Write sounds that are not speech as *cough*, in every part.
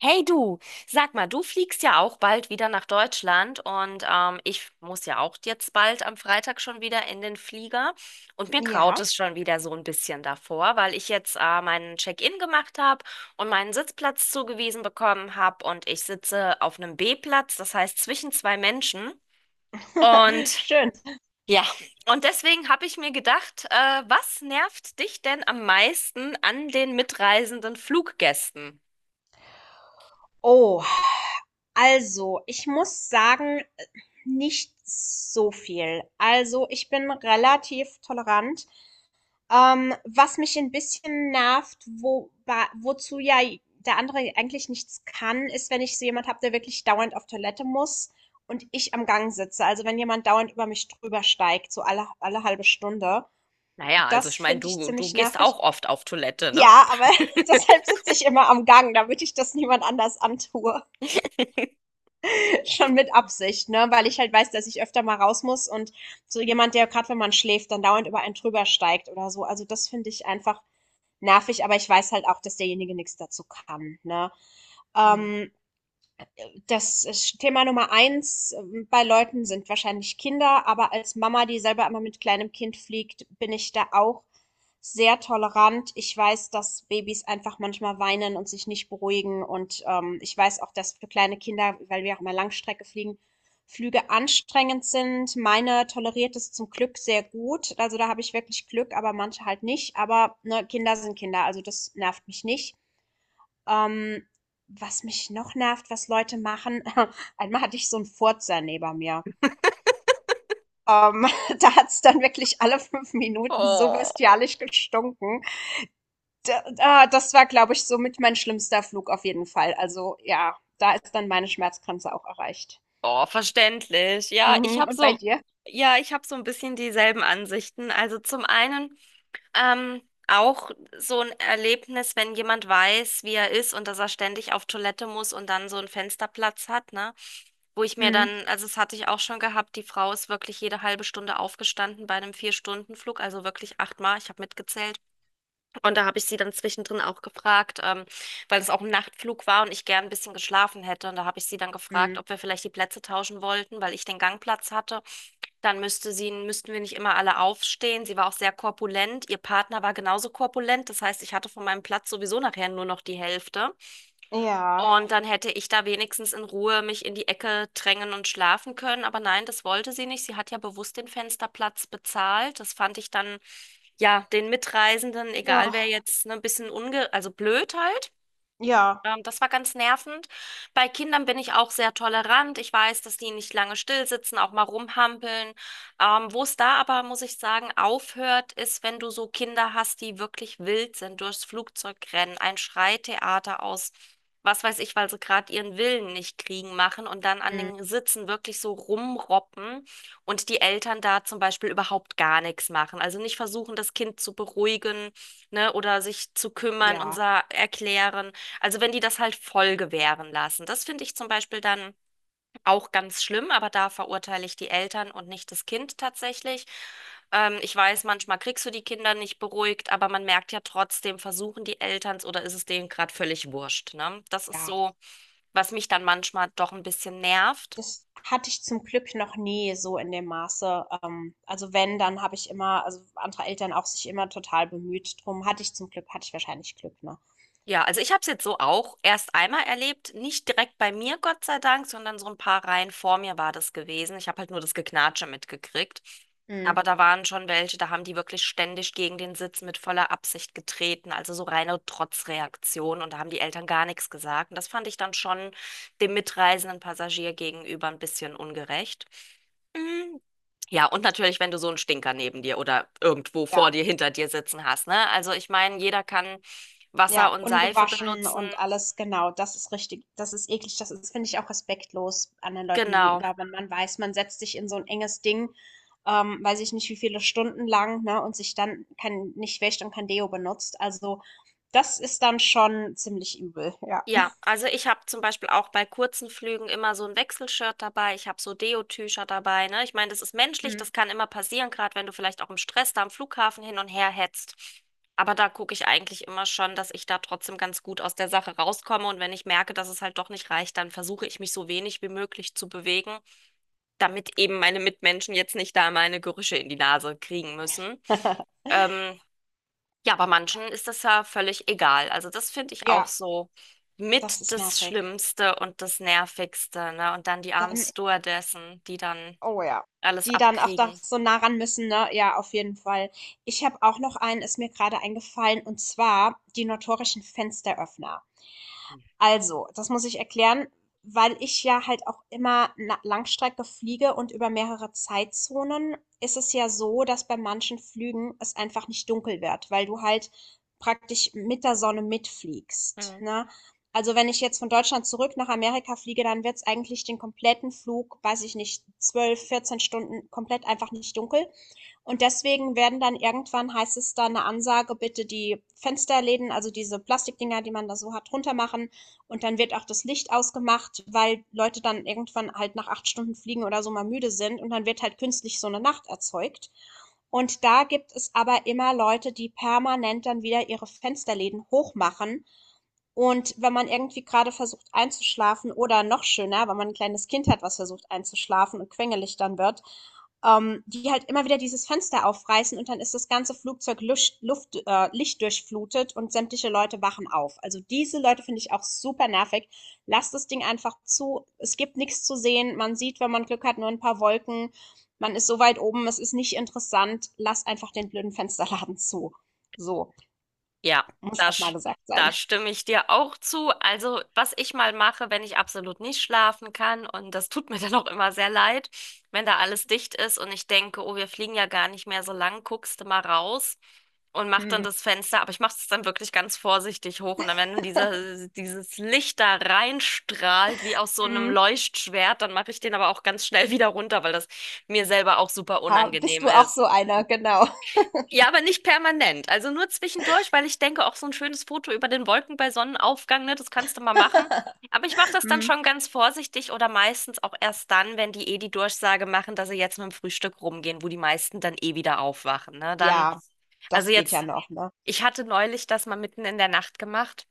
Hey du, sag mal, du fliegst ja auch bald wieder nach Deutschland und ich muss ja auch jetzt bald am Freitag schon wieder in den Flieger und mir graut Ja, es schon wieder so ein bisschen davor, weil ich jetzt meinen Check-in gemacht habe und meinen Sitzplatz zugewiesen bekommen habe und ich sitze auf einem B-Platz, das heißt zwischen zwei Menschen *laughs* und schön. ja, und deswegen habe ich mir gedacht, was nervt dich denn am meisten an den mitreisenden Fluggästen? Oh, also ich muss sagen, nicht so viel. Also ich bin relativ tolerant. Was mich ein bisschen nervt, wozu ja der andere eigentlich nichts kann, ist, wenn ich so jemand habe, der wirklich dauernd auf Toilette muss und ich am Gang sitze. Also wenn jemand dauernd über mich drüber steigt, so alle halbe Stunde. Naja, also Das ich meine, finde ich du ziemlich gehst nervig. auch oft auf Toilette, ne? Ja, aber *laughs* deshalb *laughs* sitze ich immer am Gang, damit ich das niemand anders antue. Schon mit Absicht, ne? Weil ich halt weiß, dass ich öfter mal raus muss, und so jemand, der gerade wenn man schläft, dann dauernd über einen drüber steigt oder so. Also das finde ich einfach nervig, aber ich weiß halt auch, dass derjenige nichts dazu kann, ne? Hm. Ähm, das Thema Nummer eins bei Leuten sind wahrscheinlich Kinder, aber als Mama, die selber immer mit kleinem Kind fliegt, bin ich da auch sehr tolerant. Ich weiß, dass Babys einfach manchmal weinen und sich nicht beruhigen. Und ich weiß auch, dass für kleine Kinder, weil wir auch mal Langstrecke fliegen, Flüge anstrengend sind. Meine toleriert es zum Glück sehr gut. Also da habe ich wirklich Glück, aber manche halt nicht. Aber ne, Kinder sind Kinder, also das nervt mich nicht. Ähm, was mich noch nervt, was Leute machen, *laughs* einmal hatte ich so 'n Furzer neben mir. Ähm, *laughs* da hat's dann wirklich alle 5 Minuten so Oh, bestialisch gestunken. D das war, glaube ich, somit mein schlimmster Flug auf jeden Fall. Also, ja, da ist dann meine Schmerzgrenze auch erreicht. oh, verständlich. Mhm, und bei dir? Ja, ich habe so ein bisschen dieselben Ansichten. Also zum einen Ähm, auch so ein Erlebnis, wenn jemand weiß, wie er ist und dass er ständig auf Toilette muss und dann so einen Fensterplatz hat, ne? Wo ich mir Mhm, dann, also das hatte ich auch schon gehabt, die Frau ist wirklich jede halbe Stunde aufgestanden bei einem Vier-Stunden-Flug, also wirklich achtmal, ich habe mitgezählt. Und da habe ich sie dann zwischendrin auch gefragt, weil es auch ein Nachtflug war und ich gern ein bisschen geschlafen hätte. Und da habe ich sie dann gefragt, mhm. ob wir vielleicht die Plätze tauschen wollten, weil ich den Gangplatz hatte. Dann müssten wir nicht immer alle aufstehen. Sie war auch sehr korpulent. Ihr Partner war genauso korpulent. Das heißt, ich hatte von meinem Platz sowieso nachher nur noch die Hälfte. Ja, Und dann hätte ich da wenigstens in Ruhe mich in die Ecke drängen und schlafen können. Aber nein, das wollte sie nicht. Sie hat ja bewusst den Fensterplatz bezahlt. Das fand ich dann, ja, den Mitreisenden, ja, egal wer jetzt, ne, ein bisschen also blöd halt. ja, Das war ganz nervend. Bei Kindern bin ich auch sehr tolerant. Ich weiß, dass die nicht lange still sitzen, auch mal rumhampeln. Wo es da aber, muss ich sagen, aufhört, ist, wenn du so Kinder hast, die wirklich wild sind, durchs Flugzeug rennen, ein Schreitheater aus, was weiß ich, weil sie gerade ihren Willen nicht kriegen machen und dann an mhm, den Sitzen wirklich so rumroppen und die Eltern da zum Beispiel überhaupt gar nichts machen. Also nicht versuchen, das Kind zu beruhigen, ne, oder sich zu kümmern und ja, erklären. Also wenn die das halt voll gewähren lassen. Das finde ich zum Beispiel dann auch ganz schlimm, aber da verurteile ich die Eltern und nicht das Kind tatsächlich. Ich weiß, manchmal kriegst du die Kinder nicht beruhigt, aber man merkt ja trotzdem, versuchen die Elterns oder ist es denen gerade völlig wurscht, ne? Das ist ja. so, was mich dann manchmal doch ein bisschen nervt. Das hatte ich zum Glück noch nie so in dem Maße. Also wenn, dann habe ich immer, also andere Eltern auch, sich immer total bemüht drum. Hatte ich zum Glück, hatte ich wahrscheinlich Glück, ne? Ja, also ich habe es jetzt so auch erst einmal erlebt, nicht direkt bei mir, Gott sei Dank, sondern so ein paar Reihen vor mir war das gewesen. Ich habe halt nur das Geknatsche mitgekriegt. Aber Mhm. da waren schon welche, da haben die wirklich ständig gegen den Sitz mit voller Absicht getreten, also so reine Trotzreaktion und da haben die Eltern gar nichts gesagt. Und das fand ich dann schon dem mitreisenden Passagier gegenüber ein bisschen ungerecht. Mm, ja, und natürlich, wenn du so einen Stinker neben dir oder irgendwo vor Ja, dir, hinter dir sitzen hast, ne? Also ich meine, jeder kann Wasser ja, und Seife ungewaschen benutzen. und alles, genau. Das ist richtig. Das ist eklig. Das ist, finde ich, auch respektlos anderen Leuten Genau. gegenüber, wenn man weiß, man setzt sich in so ein enges Ding, weiß ich nicht, wie viele Stunden lang, ne, und sich dann kein nicht wäscht und kein Deo benutzt. Also, das ist dann schon ziemlich übel, ja. Ja, also ich habe zum Beispiel auch bei kurzen Flügen immer so ein Wechselshirt dabei. Ich habe so Deo-Tücher dabei, ne? Ich meine, das ist menschlich, Mhm. das kann immer passieren, gerade wenn du vielleicht auch im Stress da am Flughafen hin und her hetzt. Aber da gucke ich eigentlich immer schon, dass ich da trotzdem ganz gut aus der Sache rauskomme. Und wenn ich merke, dass es halt doch nicht reicht, dann versuche ich mich so wenig wie möglich zu bewegen, damit eben meine Mitmenschen jetzt nicht da meine Gerüche in die Nase kriegen müssen. *laughs* Ähm, ja, bei manchen ist das ja völlig egal. Also das finde ich auch Ja. so Das mit ist das nervig. Schlimmste und das Nervigste, ne? Und dann die armen Dann, Stewardessen, die dann oh ja. alles Die dann auch da abkriegen. so nah ran müssen, ne? Ja, auf jeden Fall. Ich habe auch noch einen, ist mir gerade eingefallen, und zwar die notorischen Fensteröffner. Also, das muss ich erklären, weil ich ja halt auch immer na Langstrecke fliege, und über mehrere Zeitzonen ist es ja so, dass bei manchen Flügen es einfach nicht dunkel wird, weil du halt praktisch mit der Sonne mitfliegst, Mhm. ne? Also, wenn ich jetzt von Deutschland zurück nach Amerika fliege, dann wird es eigentlich den kompletten Flug, weiß ich nicht, 12, 14 Stunden komplett einfach nicht dunkel. Und deswegen werden dann irgendwann, heißt es dann eine Ansage, bitte die Fensterläden, also diese Plastikdinger, die man da so hat, runter machen. Und dann wird auch das Licht ausgemacht, weil Leute dann irgendwann halt nach 8 Stunden Fliegen oder so mal müde sind. Und dann wird halt künstlich so eine Nacht erzeugt. Und da gibt es aber immer Leute, die permanent dann wieder ihre Fensterläden hochmachen. Und wenn man irgendwie gerade versucht einzuschlafen, oder noch schöner, wenn man ein kleines Kind hat, was versucht einzuschlafen und quengelig dann wird, die halt immer wieder dieses Fenster aufreißen, und dann ist das ganze Flugzeug lichtdurchflutet und sämtliche Leute wachen auf. Also diese Leute finde ich auch super nervig. Lasst das Ding einfach zu. Es gibt nichts zu sehen. Man sieht, wenn man Glück hat, nur ein paar Wolken. Man ist so weit oben, es ist nicht interessant. Lass einfach den blöden Fensterladen *laughs* zu. So, Ja, muss da, auch mal sch- gesagt da sein. stimme ich dir auch zu. Also, was ich mal mache, wenn ich absolut nicht schlafen kann, und das tut mir *laughs* dann auch immer sehr leid, wenn da alles dicht ist und ich denke, oh, wir fliegen ja gar nicht mehr so lang, guckst du mal raus und mach dann Mm, das Fenster, aber ich mache es dann wirklich ganz vorsichtig hoch und dann, wenn dann dieses Licht da reinstrahlt, wie aus so einem mm. Leuchtschwert, dann mache ich den aber auch ganz schnell *laughs* wieder runter, weil das mir selber auch super Ah, bist unangenehm du auch ist. so einer, genau. Ja, aber nicht permanent. Also nur zwischendurch, weil ich denke, auch so ein schönes Foto über den Wolken bei Sonnenaufgang, ne, das kannst du mal machen. *laughs* Aber ich mache das dann Mm, schon ganz vorsichtig oder meistens auch erst dann, wenn die eh die Durchsage machen, dass sie jetzt mit dem Frühstück rumgehen, wo die meisten dann eh wieder aufwachen. Ne? Dann, ja, also das geht ja jetzt, noch, ne? ich hatte neulich das mal mitten in der Nacht gemacht.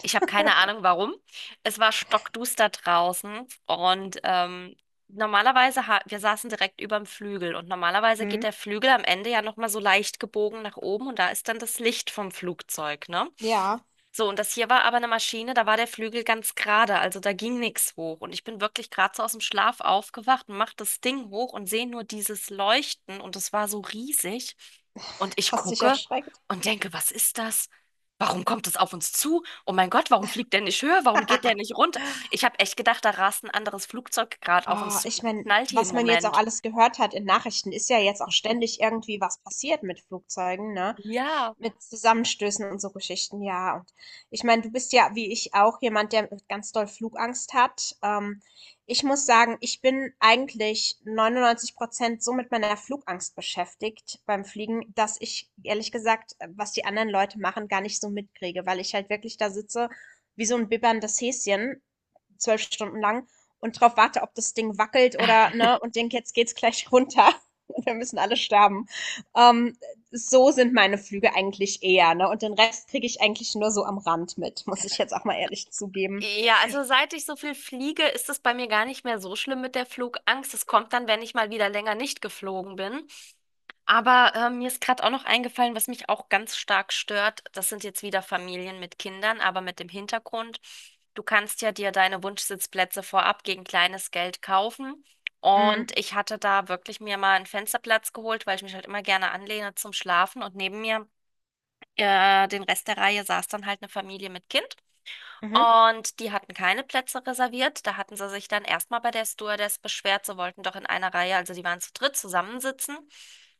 Ich habe keine Ahnung warum. Es war stockduster draußen und normalerweise, ha wir saßen direkt über dem Flügel und normalerweise geht Mm, der Flügel am Ende ja nochmal so leicht gebogen nach oben und da ist dann das Licht vom Flugzeug, ne? ja. So, und das hier war aber eine Maschine, da war der Flügel ganz gerade, also da ging nichts hoch. Und ich bin wirklich gerade so aus dem Schlaf aufgewacht und mach das Ding hoch und sehe nur dieses Leuchten und es war so riesig. Und ich Hast dich gucke erschreckt? und denke, was ist das? Warum kommt es auf uns zu? Oh mein Gott, warum fliegt der nicht höher? Warum geht der *laughs* nicht runter? Ich habe echt gedacht, da rast ein anderes Flugzeug gerade auf Oh, uns zu ich und meine, knallt jeden was man jetzt auch Moment. alles gehört hat in Nachrichten, ist ja jetzt auch *laughs* ständig irgendwie was passiert mit Flugzeugen, ne? Ja. Mit Zusammenstößen und so Geschichten, ja. Und ich meine, du bist ja, wie ich auch, jemand, der ganz doll Flugangst hat. Ich muss sagen, ich bin eigentlich 99% so mit meiner Flugangst beschäftigt beim Fliegen, dass ich, ehrlich gesagt, was die anderen Leute machen, gar nicht so mitkriege, weil ich halt wirklich da sitze wie so ein bibberndes Häschen, 12 Stunden lang, und drauf warte, ob das Ding wackelt oder, ne, und denke, jetzt geht's gleich runter. *laughs* Und wir müssen alle sterben. Ähm, so sind meine Flüge eigentlich eher, ne? Und den Rest kriege ich eigentlich nur so am Rand mit, *laughs* muss ich jetzt auch mal ehrlich zugeben. Ja, also seit ich so viel fliege, ist es bei mir gar nicht mehr so schlimm mit der Flugangst. Es kommt dann, wenn ich mal wieder länger nicht geflogen bin. Aber mir ist gerade auch noch eingefallen, was mich auch ganz stark stört. Das sind jetzt wieder Familien mit Kindern, aber mit dem Hintergrund, du kannst ja dir deine Wunschsitzplätze vorab gegen kleines Geld kaufen. Und Mhm. ich hatte da wirklich mir mal einen Fensterplatz geholt, weil ich mich halt immer gerne anlehne zum Schlafen. Und neben mir, den Rest der Reihe, saß dann halt eine Familie mit Kind. Mhm. Und die hatten keine Plätze reserviert. Da hatten sie sich dann erstmal bei der Stewardess beschwert. Sie wollten doch in einer Reihe, also die waren zu dritt zusammensitzen.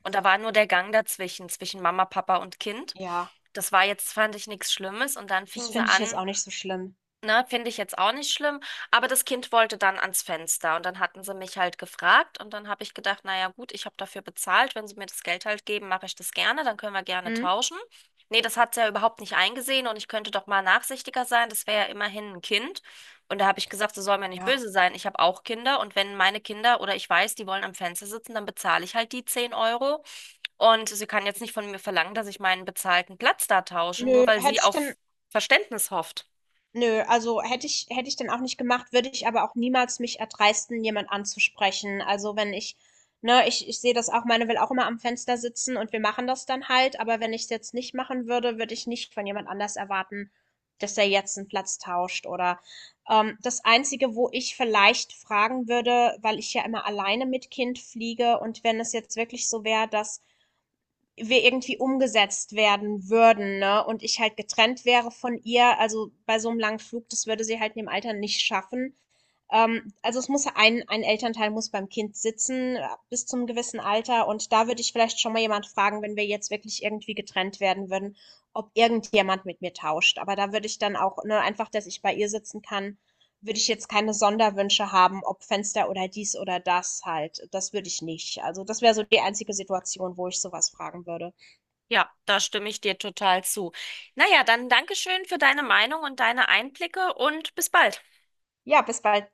Und da war nur der Gang dazwischen, zwischen Mama, Papa und Kind. Ja, Das war jetzt, fand ich, nichts Schlimmes. Und dann das fingen sie finde ich jetzt an, auch nicht so schlimm. ne, finde ich jetzt auch nicht schlimm, aber das Kind wollte dann ans Fenster und dann hatten sie mich halt gefragt und dann habe ich gedacht, naja gut, ich habe dafür bezahlt, wenn sie mir das Geld halt geben, mache ich das gerne, dann können wir gerne Mhm. tauschen. Nee, das hat sie ja überhaupt nicht eingesehen und ich könnte doch mal nachsichtiger sein, das wäre ja immerhin ein Kind. Und da habe ich gesagt, sie soll mir nicht Ja. böse sein, ich habe auch Kinder und wenn meine Kinder oder ich weiß, die wollen am Fenster sitzen, dann bezahle ich halt die 10 Euro. Und sie kann jetzt nicht von mir verlangen, dass ich meinen bezahlten Platz da tausche, nur Nö, weil sie hätte ich auf dann, Verständnis hofft. nö, also hätte ich dann auch nicht gemacht, würde ich aber auch niemals mich erdreisten, jemand anzusprechen. Also wenn ich, ne, ich sehe das auch, meine will auch immer am Fenster sitzen und wir machen das dann halt, aber wenn ich es jetzt nicht machen würde, würde ich nicht von jemand anders erwarten, dass der jetzt einen Platz tauscht oder das Einzige, wo ich vielleicht fragen würde, weil ich ja immer alleine mit Kind fliege, und wenn es jetzt wirklich so wäre, dass wir irgendwie umgesetzt werden würden, ne, und ich halt getrennt wäre von ihr, also, bei so einem langen Flug, das würde sie halt in dem Alter nicht schaffen. Also, es muss ein Elternteil muss beim Kind sitzen, bis zum gewissen Alter, und da würde ich vielleicht schon mal jemand fragen, wenn wir jetzt wirklich irgendwie getrennt werden würden, ob irgendjemand mit mir tauscht. Aber da würde ich dann auch, ne, einfach, dass ich bei ihr sitzen kann, würde ich jetzt keine Sonderwünsche haben, ob Fenster oder dies oder das halt. Das würde ich nicht. Also, das wäre so die einzige Situation, wo ich sowas fragen würde. Ja, da stimme ich dir total zu. Naja, dann Dankeschön für deine Meinung und deine Einblicke und bis bald. Ja, bis bald.